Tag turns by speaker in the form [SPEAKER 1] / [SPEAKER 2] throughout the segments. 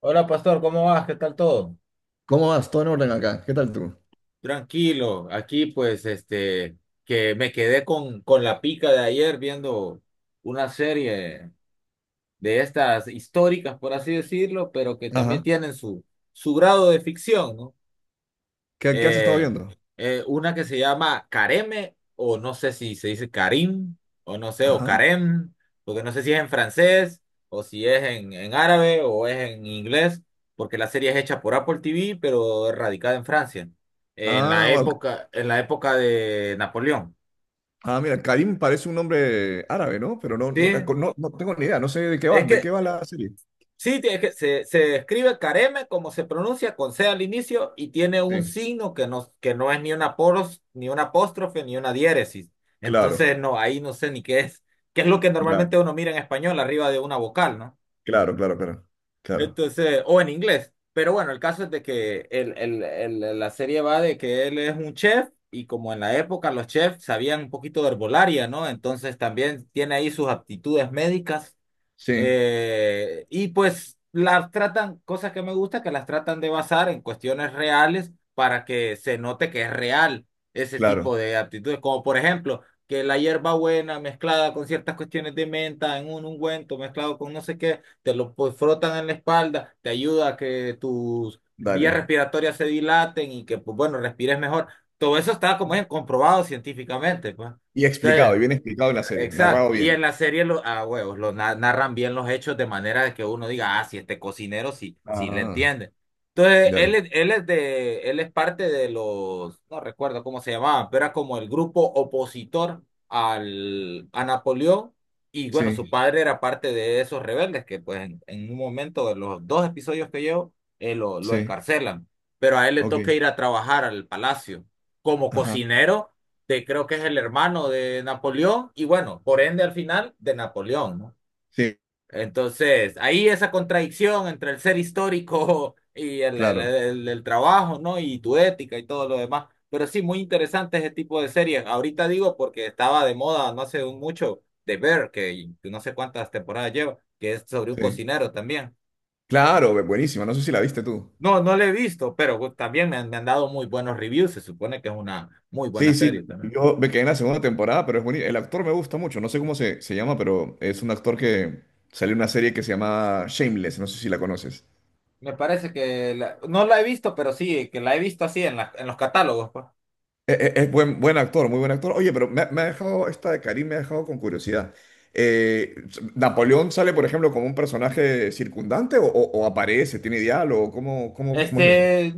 [SPEAKER 1] Hola, pastor, ¿cómo vas? ¿Qué tal todo?
[SPEAKER 2] ¿Cómo vas? Todo en orden acá. ¿Qué tal tú?
[SPEAKER 1] Tranquilo, aquí pues que me quedé con la pica de ayer viendo una serie de estas históricas, por así decirlo, pero que también
[SPEAKER 2] Ajá.
[SPEAKER 1] tienen su grado de ficción, ¿no?
[SPEAKER 2] ¿Qué has estado
[SPEAKER 1] eh,
[SPEAKER 2] viendo?
[SPEAKER 1] una que se llama Careme, o no sé si se dice Karim, o no sé, o
[SPEAKER 2] Ajá.
[SPEAKER 1] Karem, porque no sé si es en francés, o si es en árabe, o es en inglés, porque la serie es hecha por Apple TV, pero es radicada en Francia, en
[SPEAKER 2] Ah,
[SPEAKER 1] la
[SPEAKER 2] bueno.
[SPEAKER 1] época, en la época de Napoleón.
[SPEAKER 2] Ah, mira, Karim parece un nombre árabe, ¿no? Pero no, no,
[SPEAKER 1] Sí,
[SPEAKER 2] no tengo ni idea, no sé
[SPEAKER 1] es
[SPEAKER 2] de
[SPEAKER 1] que
[SPEAKER 2] qué va la serie.
[SPEAKER 1] Se escribe careme como se pronuncia con C al inicio y tiene un
[SPEAKER 2] Sí,
[SPEAKER 1] signo que no es ni una poros, ni una apóstrofe, ni una diéresis.
[SPEAKER 2] claro,
[SPEAKER 1] Entonces, no, ahí no sé ni qué es, qué es lo que
[SPEAKER 2] cla-
[SPEAKER 1] normalmente uno mira en español arriba de una vocal, ¿no?
[SPEAKER 2] claro, claro, claro, claro.
[SPEAKER 1] Entonces, o en inglés. Pero bueno, el caso es de que la serie va de que él es un chef y como en la época los chefs sabían un poquito de herbolaria, ¿no? Entonces también tiene ahí sus aptitudes médicas,
[SPEAKER 2] Sí,
[SPEAKER 1] y pues las tratan, cosas que me gusta, que las tratan de basar en cuestiones reales para que se note que es real ese tipo
[SPEAKER 2] claro,
[SPEAKER 1] de actitudes, como por ejemplo que la hierbabuena mezclada con ciertas cuestiones de menta en un ungüento mezclado con no sé qué, te lo pues, frotan en la espalda, te ayuda a que tus vías
[SPEAKER 2] dale.
[SPEAKER 1] respiratorias se dilaten y que pues bueno, respires mejor. Todo eso está como es comprobado científicamente, pues.
[SPEAKER 2] Y explicado, y
[SPEAKER 1] Entonces,
[SPEAKER 2] bien explicado en la serie,
[SPEAKER 1] exacto.
[SPEAKER 2] narrado
[SPEAKER 1] Y en
[SPEAKER 2] bien.
[SPEAKER 1] la serie, lo, a huevos, narran bien los hechos de manera de que uno diga, ah, si este cocinero sí, sí le
[SPEAKER 2] Ah,
[SPEAKER 1] entiende. Entonces,
[SPEAKER 2] dale.
[SPEAKER 1] él es parte de los, no recuerdo cómo se llamaban, pero era como el grupo opositor a Napoleón. Y bueno, su
[SPEAKER 2] Sí,
[SPEAKER 1] padre era parte de esos rebeldes que pues en un momento, de los dos episodios que llevo, lo
[SPEAKER 2] sí,
[SPEAKER 1] encarcelan. Pero a él le toca
[SPEAKER 2] ok.
[SPEAKER 1] ir a trabajar al palacio como
[SPEAKER 2] Ajá,
[SPEAKER 1] cocinero de creo que es el hermano de Napoleón y bueno, por ende al final de Napoleón, ¿no?
[SPEAKER 2] sí,
[SPEAKER 1] Entonces, ahí esa contradicción entre el ser histórico y
[SPEAKER 2] claro,
[SPEAKER 1] el trabajo, ¿no? Y tu ética y todo lo demás. Pero sí, muy interesante ese tipo de series. Ahorita digo porque estaba de moda no hace un mucho de Bear que no sé cuántas temporadas lleva, que es sobre un
[SPEAKER 2] sí.
[SPEAKER 1] cocinero también.
[SPEAKER 2] Claro, buenísima, no sé si la viste tú.
[SPEAKER 1] No, no lo he visto, pero también me han dado muy buenos reviews. Se supone que es una muy buena
[SPEAKER 2] Sí, sí,
[SPEAKER 1] serie también.
[SPEAKER 2] yo me quedé en la segunda temporada, pero es bonito. El actor me gusta mucho, no sé cómo se llama, pero es un actor que salió en una serie que se llama Shameless, no sé si la conoces.
[SPEAKER 1] Me parece que no la he visto, pero sí, que la he visto así en los catálogos, pues.
[SPEAKER 2] Es buen actor, muy buen actor. Oye, pero me ha dejado, esta de Karim me ha dejado con curiosidad. Eh, ¿Napoleón sale, por ejemplo, como un personaje circundante o, o aparece, tiene diálogo? ¿Cómo es eso?
[SPEAKER 1] Este,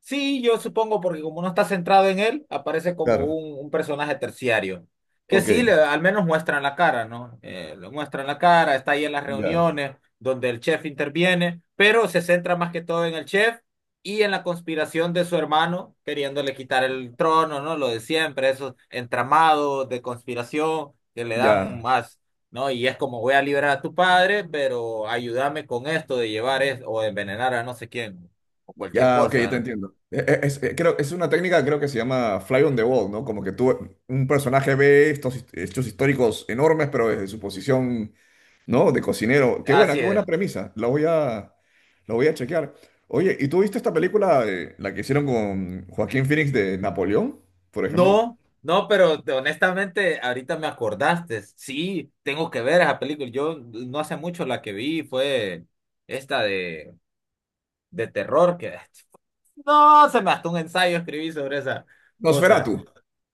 [SPEAKER 1] sí, yo supongo, porque como no está centrado en él, aparece como
[SPEAKER 2] Claro,
[SPEAKER 1] un personaje terciario. Que
[SPEAKER 2] ok,
[SPEAKER 1] sí, al menos muestran la cara, ¿no? Lo muestran la cara, está ahí en las
[SPEAKER 2] ya,
[SPEAKER 1] reuniones donde el chef interviene, pero se centra más que todo en el chef y en la conspiración de su hermano, queriéndole quitar el trono, ¿no? Lo de siempre, esos entramados de conspiración que le
[SPEAKER 2] ya.
[SPEAKER 1] dan más, ¿no? Y es como voy a liberar a tu padre, pero ayúdame con esto de llevar o de envenenar a no sé quién o cualquier
[SPEAKER 2] Ya, ok, ya
[SPEAKER 1] cosa,
[SPEAKER 2] te
[SPEAKER 1] ¿no?
[SPEAKER 2] entiendo. Creo, es una técnica, creo que se llama Fly on the Wall, ¿no? Como que tú, un personaje ve estos hechos históricos enormes, pero desde su posición, ¿no? De cocinero.
[SPEAKER 1] Así
[SPEAKER 2] Qué buena
[SPEAKER 1] es.
[SPEAKER 2] premisa. La voy a chequear. Oye, ¿y tú viste esta película, la que hicieron con Joaquín Phoenix de Napoleón, por ejemplo?
[SPEAKER 1] No, no, pero honestamente, ahorita me acordaste. Sí, tengo que ver esa película. Yo no hace mucho la que vi fue esta de terror que no, se me hasta un ensayo escribí sobre esa cosa.
[SPEAKER 2] Nosferatu.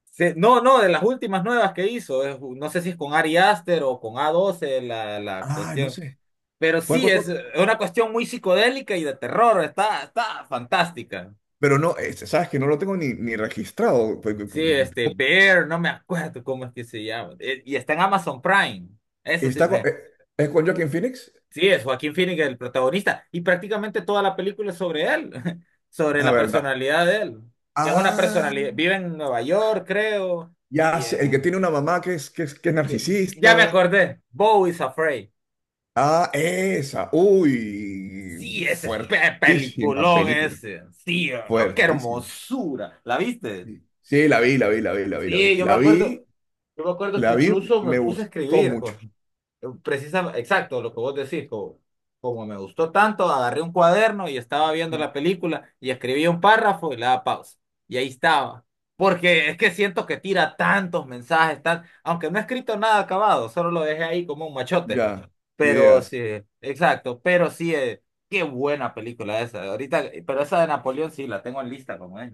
[SPEAKER 1] No, no, de las últimas nuevas que hizo, no sé si es con Ari Aster o con A12 la
[SPEAKER 2] Ah, no
[SPEAKER 1] cuestión,
[SPEAKER 2] sé.
[SPEAKER 1] pero
[SPEAKER 2] ¿Cuál,
[SPEAKER 1] sí,
[SPEAKER 2] cuál, cuál?
[SPEAKER 1] es una cuestión muy psicodélica y de terror, está fantástica.
[SPEAKER 2] Pero no, sabes que no lo tengo ni registrado.
[SPEAKER 1] Sí, Bear, no me acuerdo cómo es que se llama. Y está en Amazon Prime. Eso sí,
[SPEAKER 2] Está con-
[SPEAKER 1] ve.
[SPEAKER 2] eh, ¿Es con Joaquin Phoenix?
[SPEAKER 1] Sí, es Joaquín Phoenix el protagonista. Y prácticamente toda la película es sobre él, sobre
[SPEAKER 2] A
[SPEAKER 1] la
[SPEAKER 2] ver,
[SPEAKER 1] personalidad de él. Que es una
[SPEAKER 2] ah.
[SPEAKER 1] personalidad, vive en Nueva York, creo.
[SPEAKER 2] Ya
[SPEAKER 1] y,
[SPEAKER 2] sé, el
[SPEAKER 1] eh,
[SPEAKER 2] que tiene una mamá que es
[SPEAKER 1] sí, ya me
[SPEAKER 2] narcisista.
[SPEAKER 1] acordé, Bo is Afraid.
[SPEAKER 2] Ah, esa. Uy,
[SPEAKER 1] Sí, ese es
[SPEAKER 2] fuertísima
[SPEAKER 1] peliculón
[SPEAKER 2] película.
[SPEAKER 1] ese. Sí, oh, qué
[SPEAKER 2] Fuertísima.
[SPEAKER 1] hermosura. ¿La viste?
[SPEAKER 2] Sí, sí, la vi, la vi, la vi, la vi, la vi.
[SPEAKER 1] Sí, yo me
[SPEAKER 2] La
[SPEAKER 1] acuerdo,
[SPEAKER 2] vi,
[SPEAKER 1] yo me acuerdo que
[SPEAKER 2] la vi,
[SPEAKER 1] incluso me
[SPEAKER 2] me
[SPEAKER 1] puse a
[SPEAKER 2] gustó
[SPEAKER 1] escribir,
[SPEAKER 2] mucho.
[SPEAKER 1] Jorge. Precisa, exacto, lo que vos decís, como me gustó tanto, agarré un cuaderno y estaba viendo
[SPEAKER 2] Sí.
[SPEAKER 1] la película y escribí un párrafo y le daba pausa. Y ahí estaba. Porque es que siento que tira tantos mensajes, tan, aunque no he escrito nada acabado, solo lo dejé ahí como un machote.
[SPEAKER 2] Ya,
[SPEAKER 1] Pero sí,
[SPEAKER 2] ideas.
[SPEAKER 1] exacto, pero sí, qué buena película esa. Ahorita, pero esa de Napoleón sí la tengo en lista como es.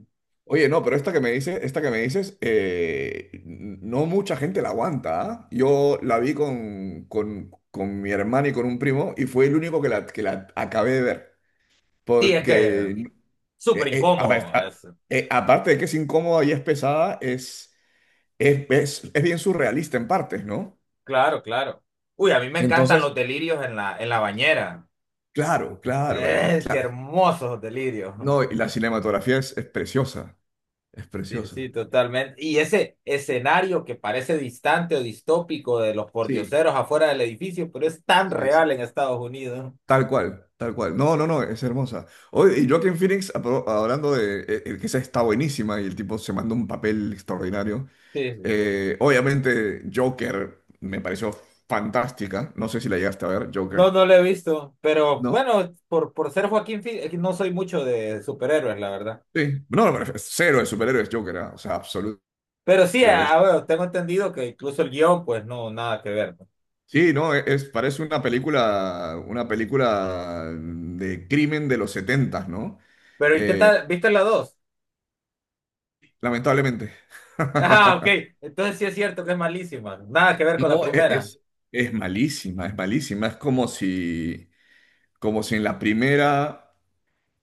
[SPEAKER 2] Oye, no, pero esta que me dices, esta que me dices, no mucha gente la aguanta, ¿ah? Yo la vi con mi hermana y con un primo y fue el único que la acabé de ver.
[SPEAKER 1] Sí, es que
[SPEAKER 2] Porque.
[SPEAKER 1] súper
[SPEAKER 2] Eh, eh, a ver,
[SPEAKER 1] incómodo
[SPEAKER 2] a-
[SPEAKER 1] es.
[SPEAKER 2] eh, aparte de que es incómoda y es pesada, es bien surrealista en partes, ¿no?
[SPEAKER 1] Claro, claro. Uy, a mí me encantan los
[SPEAKER 2] Entonces,
[SPEAKER 1] delirios en la bañera.
[SPEAKER 2] claro, claro, y
[SPEAKER 1] Qué
[SPEAKER 2] claro.
[SPEAKER 1] hermosos delirios.
[SPEAKER 2] No, y la cinematografía es preciosa, es
[SPEAKER 1] Sí, sí,
[SPEAKER 2] preciosa.
[SPEAKER 1] totalmente. Y ese escenario que parece distante o distópico de los
[SPEAKER 2] Sí,
[SPEAKER 1] pordioseros afuera del edificio, pero es tan
[SPEAKER 2] sí, sí.
[SPEAKER 1] real en Estados Unidos.
[SPEAKER 2] Tal cual, tal cual. No, no, no, es hermosa. Hoy, y Joaquin Phoenix, hablando de el que esa está buenísima y el tipo se mandó un papel extraordinario.
[SPEAKER 1] Sí, sí.
[SPEAKER 2] Obviamente, Joker me pareció fantástica. No sé si la llegaste a ver,
[SPEAKER 1] No,
[SPEAKER 2] Joker.
[SPEAKER 1] no lo he visto, pero
[SPEAKER 2] ¿No?
[SPEAKER 1] bueno, por ser Joaquín Phoenix, no soy mucho de superhéroes, la verdad.
[SPEAKER 2] Sí, no, pero es cero de superhéroes Joker, ah, o sea, absoluto
[SPEAKER 1] Pero sí,
[SPEAKER 2] cero es.
[SPEAKER 1] bueno, tengo entendido que incluso el guión, pues no, nada que ver, ¿no?
[SPEAKER 2] Sí, no, parece una película de crimen de los 70, ¿no?
[SPEAKER 1] Pero ¿y qué
[SPEAKER 2] Eh,
[SPEAKER 1] tal? ¿Viste la dos?
[SPEAKER 2] lamentablemente.
[SPEAKER 1] Ah, ok. Entonces sí es cierto que es malísima. Nada que ver con la
[SPEAKER 2] No,
[SPEAKER 1] primera.
[SPEAKER 2] es malísima, es malísima. Es como si en la primera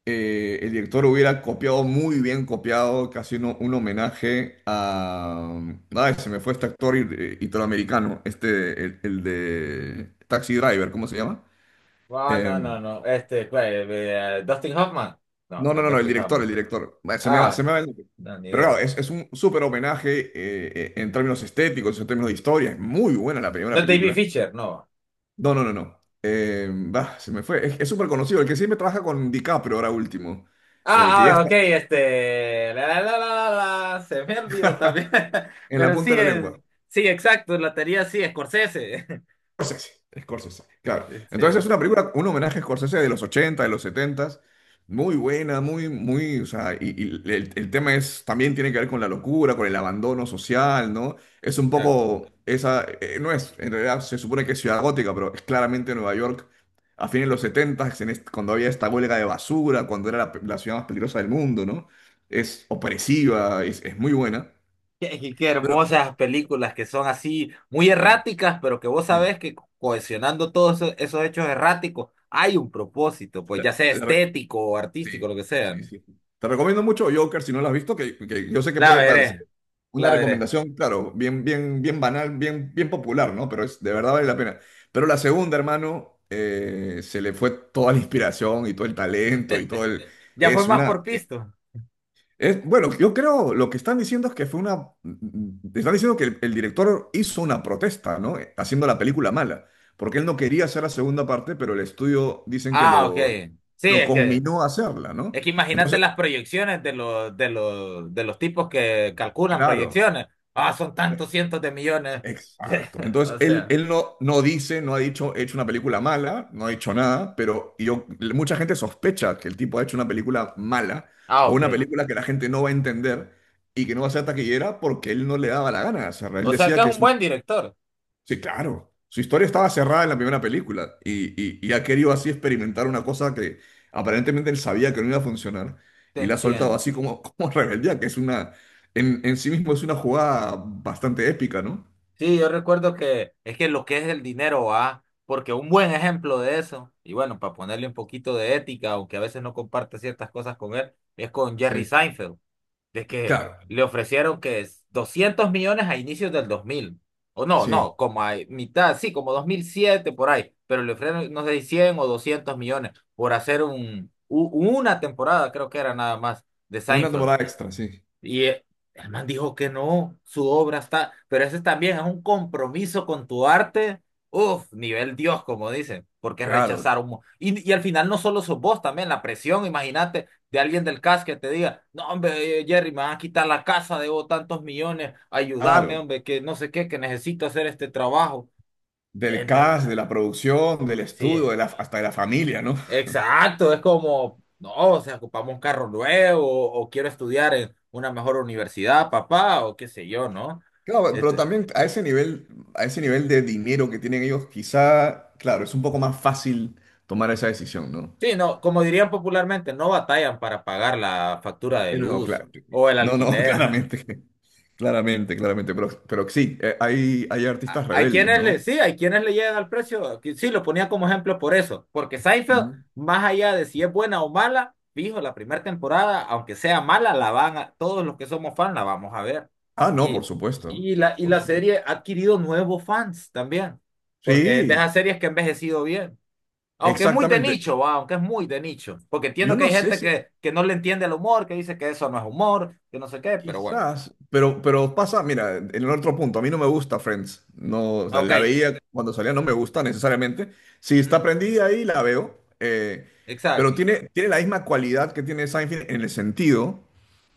[SPEAKER 2] el director hubiera copiado muy bien, copiado casi un homenaje a... Ay, se me fue este actor italoamericano, este, el de Taxi Driver, ¿cómo se llama?
[SPEAKER 1] Ah, no,
[SPEAKER 2] Em,
[SPEAKER 1] no, no. ¿Cuál? Dustin Hoffman. No,
[SPEAKER 2] no,
[SPEAKER 1] no
[SPEAKER 2] no,
[SPEAKER 1] es
[SPEAKER 2] no, no, el
[SPEAKER 1] Dustin
[SPEAKER 2] director, el
[SPEAKER 1] Hoffman.
[SPEAKER 2] director. Ay, se
[SPEAKER 1] Ah,
[SPEAKER 2] me va el...
[SPEAKER 1] no, ni
[SPEAKER 2] Pero
[SPEAKER 1] idea.
[SPEAKER 2] claro, es un súper homenaje en términos estéticos, en términos de historia. Es muy buena la
[SPEAKER 1] No
[SPEAKER 2] primera
[SPEAKER 1] es David
[SPEAKER 2] película.
[SPEAKER 1] Fincher, no.
[SPEAKER 2] No, no, no, no. Bah, se me fue. Es súper conocido, el que siempre trabaja con DiCaprio ahora último, que ya
[SPEAKER 1] Ah, ah, ok,
[SPEAKER 2] está
[SPEAKER 1] este. La, se me olvidó también.
[SPEAKER 2] en la
[SPEAKER 1] Pero
[SPEAKER 2] punta
[SPEAKER 1] sí,
[SPEAKER 2] de la lengua.
[SPEAKER 1] sí, exacto. La teoría sí, Scorsese.
[SPEAKER 2] Scorsese, Scorsese, claro. Entonces es
[SPEAKER 1] Sí,
[SPEAKER 2] una película, un homenaje a Scorsese de los 80, de los 70, muy buena, muy, muy, o sea, y el tema es, también tiene que ver con la locura, con el abandono social, ¿no? Es un
[SPEAKER 1] exacto.
[SPEAKER 2] poco, esa, no es, en realidad se supone que es ciudad gótica, pero es claramente Nueva York a fines de los 70, en cuando había esta huelga de basura, cuando era la ciudad más peligrosa del mundo, ¿no? Es opresiva, es muy buena.
[SPEAKER 1] Qué,
[SPEAKER 2] Pero,
[SPEAKER 1] hermosas películas que son así, muy
[SPEAKER 2] sí,
[SPEAKER 1] erráticas, pero que vos
[SPEAKER 2] sí.
[SPEAKER 1] sabés que cohesionando todos esos hechos erráticos hay un propósito, pues ya sea estético o artístico,
[SPEAKER 2] Sí,
[SPEAKER 1] lo que sea,
[SPEAKER 2] sí,
[SPEAKER 1] ¿no?
[SPEAKER 2] sí. Te recomiendo mucho Joker si no lo has visto, que yo sé que
[SPEAKER 1] La
[SPEAKER 2] puede
[SPEAKER 1] veré,
[SPEAKER 2] parecer una
[SPEAKER 1] la veré.
[SPEAKER 2] recomendación, claro, bien, bien, bien banal, bien, bien popular, ¿no? Pero de verdad vale
[SPEAKER 1] Mm.
[SPEAKER 2] la pena. Pero la segunda, hermano, se le fue toda la inspiración y todo el talento y todo el...
[SPEAKER 1] Ya fue
[SPEAKER 2] Es
[SPEAKER 1] más
[SPEAKER 2] una...
[SPEAKER 1] por pisto.
[SPEAKER 2] Es, bueno, yo creo, lo que están diciendo es que fue una... Están diciendo que el director hizo una protesta, ¿no? Haciendo la película mala, porque él no quería hacer la segunda parte, pero el estudio dicen que
[SPEAKER 1] Ah, ok.
[SPEAKER 2] lo,
[SPEAKER 1] Sí,
[SPEAKER 2] lo
[SPEAKER 1] es que,
[SPEAKER 2] conminó a hacerla, ¿no?
[SPEAKER 1] es que imagínate
[SPEAKER 2] Entonces,
[SPEAKER 1] las proyecciones de los tipos que calculan
[SPEAKER 2] claro,
[SPEAKER 1] proyecciones. Ah, son tantos
[SPEAKER 2] e-
[SPEAKER 1] cientos de millones de-
[SPEAKER 2] exacto. Entonces,
[SPEAKER 1] o
[SPEAKER 2] él,
[SPEAKER 1] sea.
[SPEAKER 2] él no dice, no ha dicho, he hecho una película mala, no ha hecho nada, mucha gente sospecha que el tipo ha hecho una película mala
[SPEAKER 1] Ah,
[SPEAKER 2] o una
[SPEAKER 1] ok.
[SPEAKER 2] película que la gente no va a entender y que no va a ser taquillera porque él no le daba la gana de cerrar. Él
[SPEAKER 1] O sea que
[SPEAKER 2] decía
[SPEAKER 1] es
[SPEAKER 2] que
[SPEAKER 1] un buen director.
[SPEAKER 2] sí, claro, su historia estaba cerrada en la primera película y, y ha querido así experimentar una cosa que aparentemente él sabía que no iba a funcionar
[SPEAKER 1] Te
[SPEAKER 2] y la ha soltado
[SPEAKER 1] entiendo.
[SPEAKER 2] así como, como rebeldía, que es una, en sí mismo es una jugada bastante épica, ¿no?
[SPEAKER 1] Sí, yo recuerdo que es que lo que es el dinero, va, porque un buen ejemplo de eso, y bueno, para ponerle un poquito de ética, aunque a veces no comparte ciertas cosas con él, es con
[SPEAKER 2] Sí,
[SPEAKER 1] Jerry Seinfeld, de que
[SPEAKER 2] claro,
[SPEAKER 1] le ofrecieron que es 200 millones a inicios del 2000, o no,
[SPEAKER 2] sí.
[SPEAKER 1] no, como a mitad, sí, como 2007 por ahí, pero le ofrecieron, no sé, 100 o 200 millones por hacer una temporada, creo que era nada más, de
[SPEAKER 2] Una
[SPEAKER 1] Seinfeld.
[SPEAKER 2] temporada extra, sí.
[SPEAKER 1] Y, el man dijo que no, su obra está, pero ese también es un compromiso con tu arte, uf, nivel Dios, como dicen, porque
[SPEAKER 2] Claro,
[SPEAKER 1] rechazar un... Y al final no solo sos vos, también la presión, imagínate, de alguien del CAS que te diga, no, hombre, Jerry, me van a quitar la casa, debo tantos millones, ayúdame,
[SPEAKER 2] claro.
[SPEAKER 1] hombre, que no sé qué, que necesito hacer este trabajo.
[SPEAKER 2] Del
[SPEAKER 1] Entonces,
[SPEAKER 2] cast, de la producción, del
[SPEAKER 1] sí,
[SPEAKER 2] estudio, de la, hasta de la familia, ¿no?
[SPEAKER 1] exacto, es como, no, o sea, ocupamos un carro nuevo o quiero estudiar en una mejor universidad, papá, o qué sé yo, ¿no?
[SPEAKER 2] Claro, pero
[SPEAKER 1] Este,
[SPEAKER 2] también a ese nivel de dinero que tienen ellos, quizá, claro, es un poco más fácil tomar esa decisión, ¿no?
[SPEAKER 1] sí, no, como dirían popularmente, no batallan para pagar la factura de
[SPEAKER 2] No,
[SPEAKER 1] luz
[SPEAKER 2] claro.
[SPEAKER 1] o el
[SPEAKER 2] No, no,
[SPEAKER 1] alquiler.
[SPEAKER 2] claramente, claramente, claramente. Pero sí, hay artistas rebeldes, ¿no?
[SPEAKER 1] Sí, hay quienes le llegan al precio. Que Sí, lo ponía como ejemplo por eso. Porque Seinfeld,
[SPEAKER 2] Ujú.
[SPEAKER 1] más allá de si es buena o mala, fijo, la primera temporada, aunque sea mala, todos los que somos fans la vamos a ver.
[SPEAKER 2] Ah, no, por
[SPEAKER 1] Y,
[SPEAKER 2] supuesto,
[SPEAKER 1] y la, y
[SPEAKER 2] por
[SPEAKER 1] la
[SPEAKER 2] supuesto.
[SPEAKER 1] serie ha adquirido nuevos fans también. Porque es de
[SPEAKER 2] Sí,
[SPEAKER 1] esas series que ha envejecido bien. Aunque es muy de
[SPEAKER 2] exactamente.
[SPEAKER 1] nicho, va, aunque es muy de nicho. Porque
[SPEAKER 2] Yo
[SPEAKER 1] entiendo que
[SPEAKER 2] no
[SPEAKER 1] hay
[SPEAKER 2] sé
[SPEAKER 1] gente
[SPEAKER 2] si.
[SPEAKER 1] que no le entiende el humor, que dice que eso no es humor, que no sé qué, pero bueno.
[SPEAKER 2] Quizás, pero pasa, mira, en el otro punto, a mí no me gusta Friends, no, o sea,
[SPEAKER 1] Ok.
[SPEAKER 2] la veía cuando salía, no me gusta necesariamente, si está
[SPEAKER 1] Ujú,
[SPEAKER 2] prendida ahí la veo, pero
[SPEAKER 1] exacto.
[SPEAKER 2] tiene la misma cualidad que tiene Seinfeld en el sentido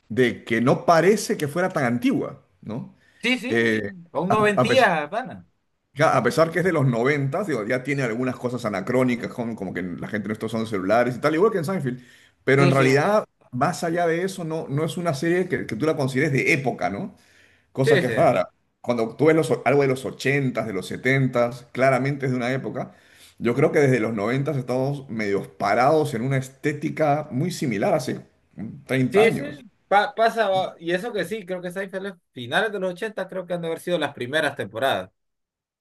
[SPEAKER 2] de que no parece que fuera tan antigua, ¿no?
[SPEAKER 1] Sí, sí,
[SPEAKER 2] Eh,
[SPEAKER 1] con
[SPEAKER 2] a, a pes-
[SPEAKER 1] noventías, pana.
[SPEAKER 2] ya, a pesar que es de los 90, digo, ya tiene algunas cosas anacrónicas, como que la gente no está usando celulares y tal, igual que en Seinfeld, pero en
[SPEAKER 1] Sí, sí,
[SPEAKER 2] realidad, más allá de eso, no es una serie que tú la consideres de época, ¿no? Cosa
[SPEAKER 1] sí,
[SPEAKER 2] que
[SPEAKER 1] sí,
[SPEAKER 2] es rara. Cuando tú ves algo de los 80 de los 70 claramente es de una época. Yo creo que desde los 90 estamos medios parados en una estética muy similar hace 30
[SPEAKER 1] sí, sí.
[SPEAKER 2] años.
[SPEAKER 1] Pasa, y eso que sí, creo que Seinfeld es finales de los 80 creo que han de haber sido las primeras temporadas.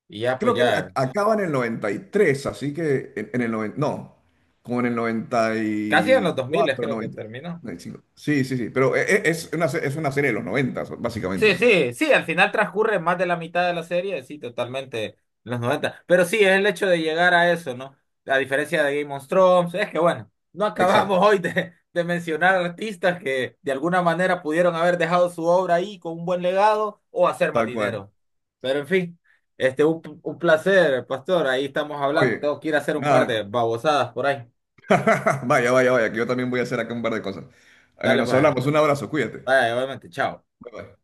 [SPEAKER 1] Y ya, pues
[SPEAKER 2] Creo que él
[SPEAKER 1] ya,
[SPEAKER 2] acaba en el 93, así que en el 90 no, como en el noventa
[SPEAKER 1] casi en los
[SPEAKER 2] y
[SPEAKER 1] 2000
[SPEAKER 2] cuatro
[SPEAKER 1] creo que
[SPEAKER 2] noventa
[SPEAKER 1] terminó.
[SPEAKER 2] noventa y cinco. Sí, sí, sí, pero es una serie de los 90,
[SPEAKER 1] Sí,
[SPEAKER 2] básicamente, ¿no?
[SPEAKER 1] sí, sí, al final transcurre más de la mitad de la serie, sí, totalmente, en los 90. Pero sí, es el hecho de llegar a eso, ¿no? A diferencia de Game of Thrones, es que bueno, no acabamos
[SPEAKER 2] Exacto,
[SPEAKER 1] hoy de mencionar artistas que de alguna manera pudieron haber dejado su obra ahí con un buen legado o hacer más
[SPEAKER 2] tal cual.
[SPEAKER 1] dinero. Pero en fin, un placer, Pastor, ahí estamos hablando.
[SPEAKER 2] Oye,
[SPEAKER 1] Tengo que ir a hacer un par
[SPEAKER 2] nada,
[SPEAKER 1] de babosadas por ahí.
[SPEAKER 2] vaya, vaya, vaya, que yo también voy a hacer acá un par de cosas. Eh,
[SPEAKER 1] Dale
[SPEAKER 2] nos
[SPEAKER 1] pues,
[SPEAKER 2] hablamos, un abrazo, cuídate.
[SPEAKER 1] vaya, obviamente, chao.
[SPEAKER 2] Bye, bye.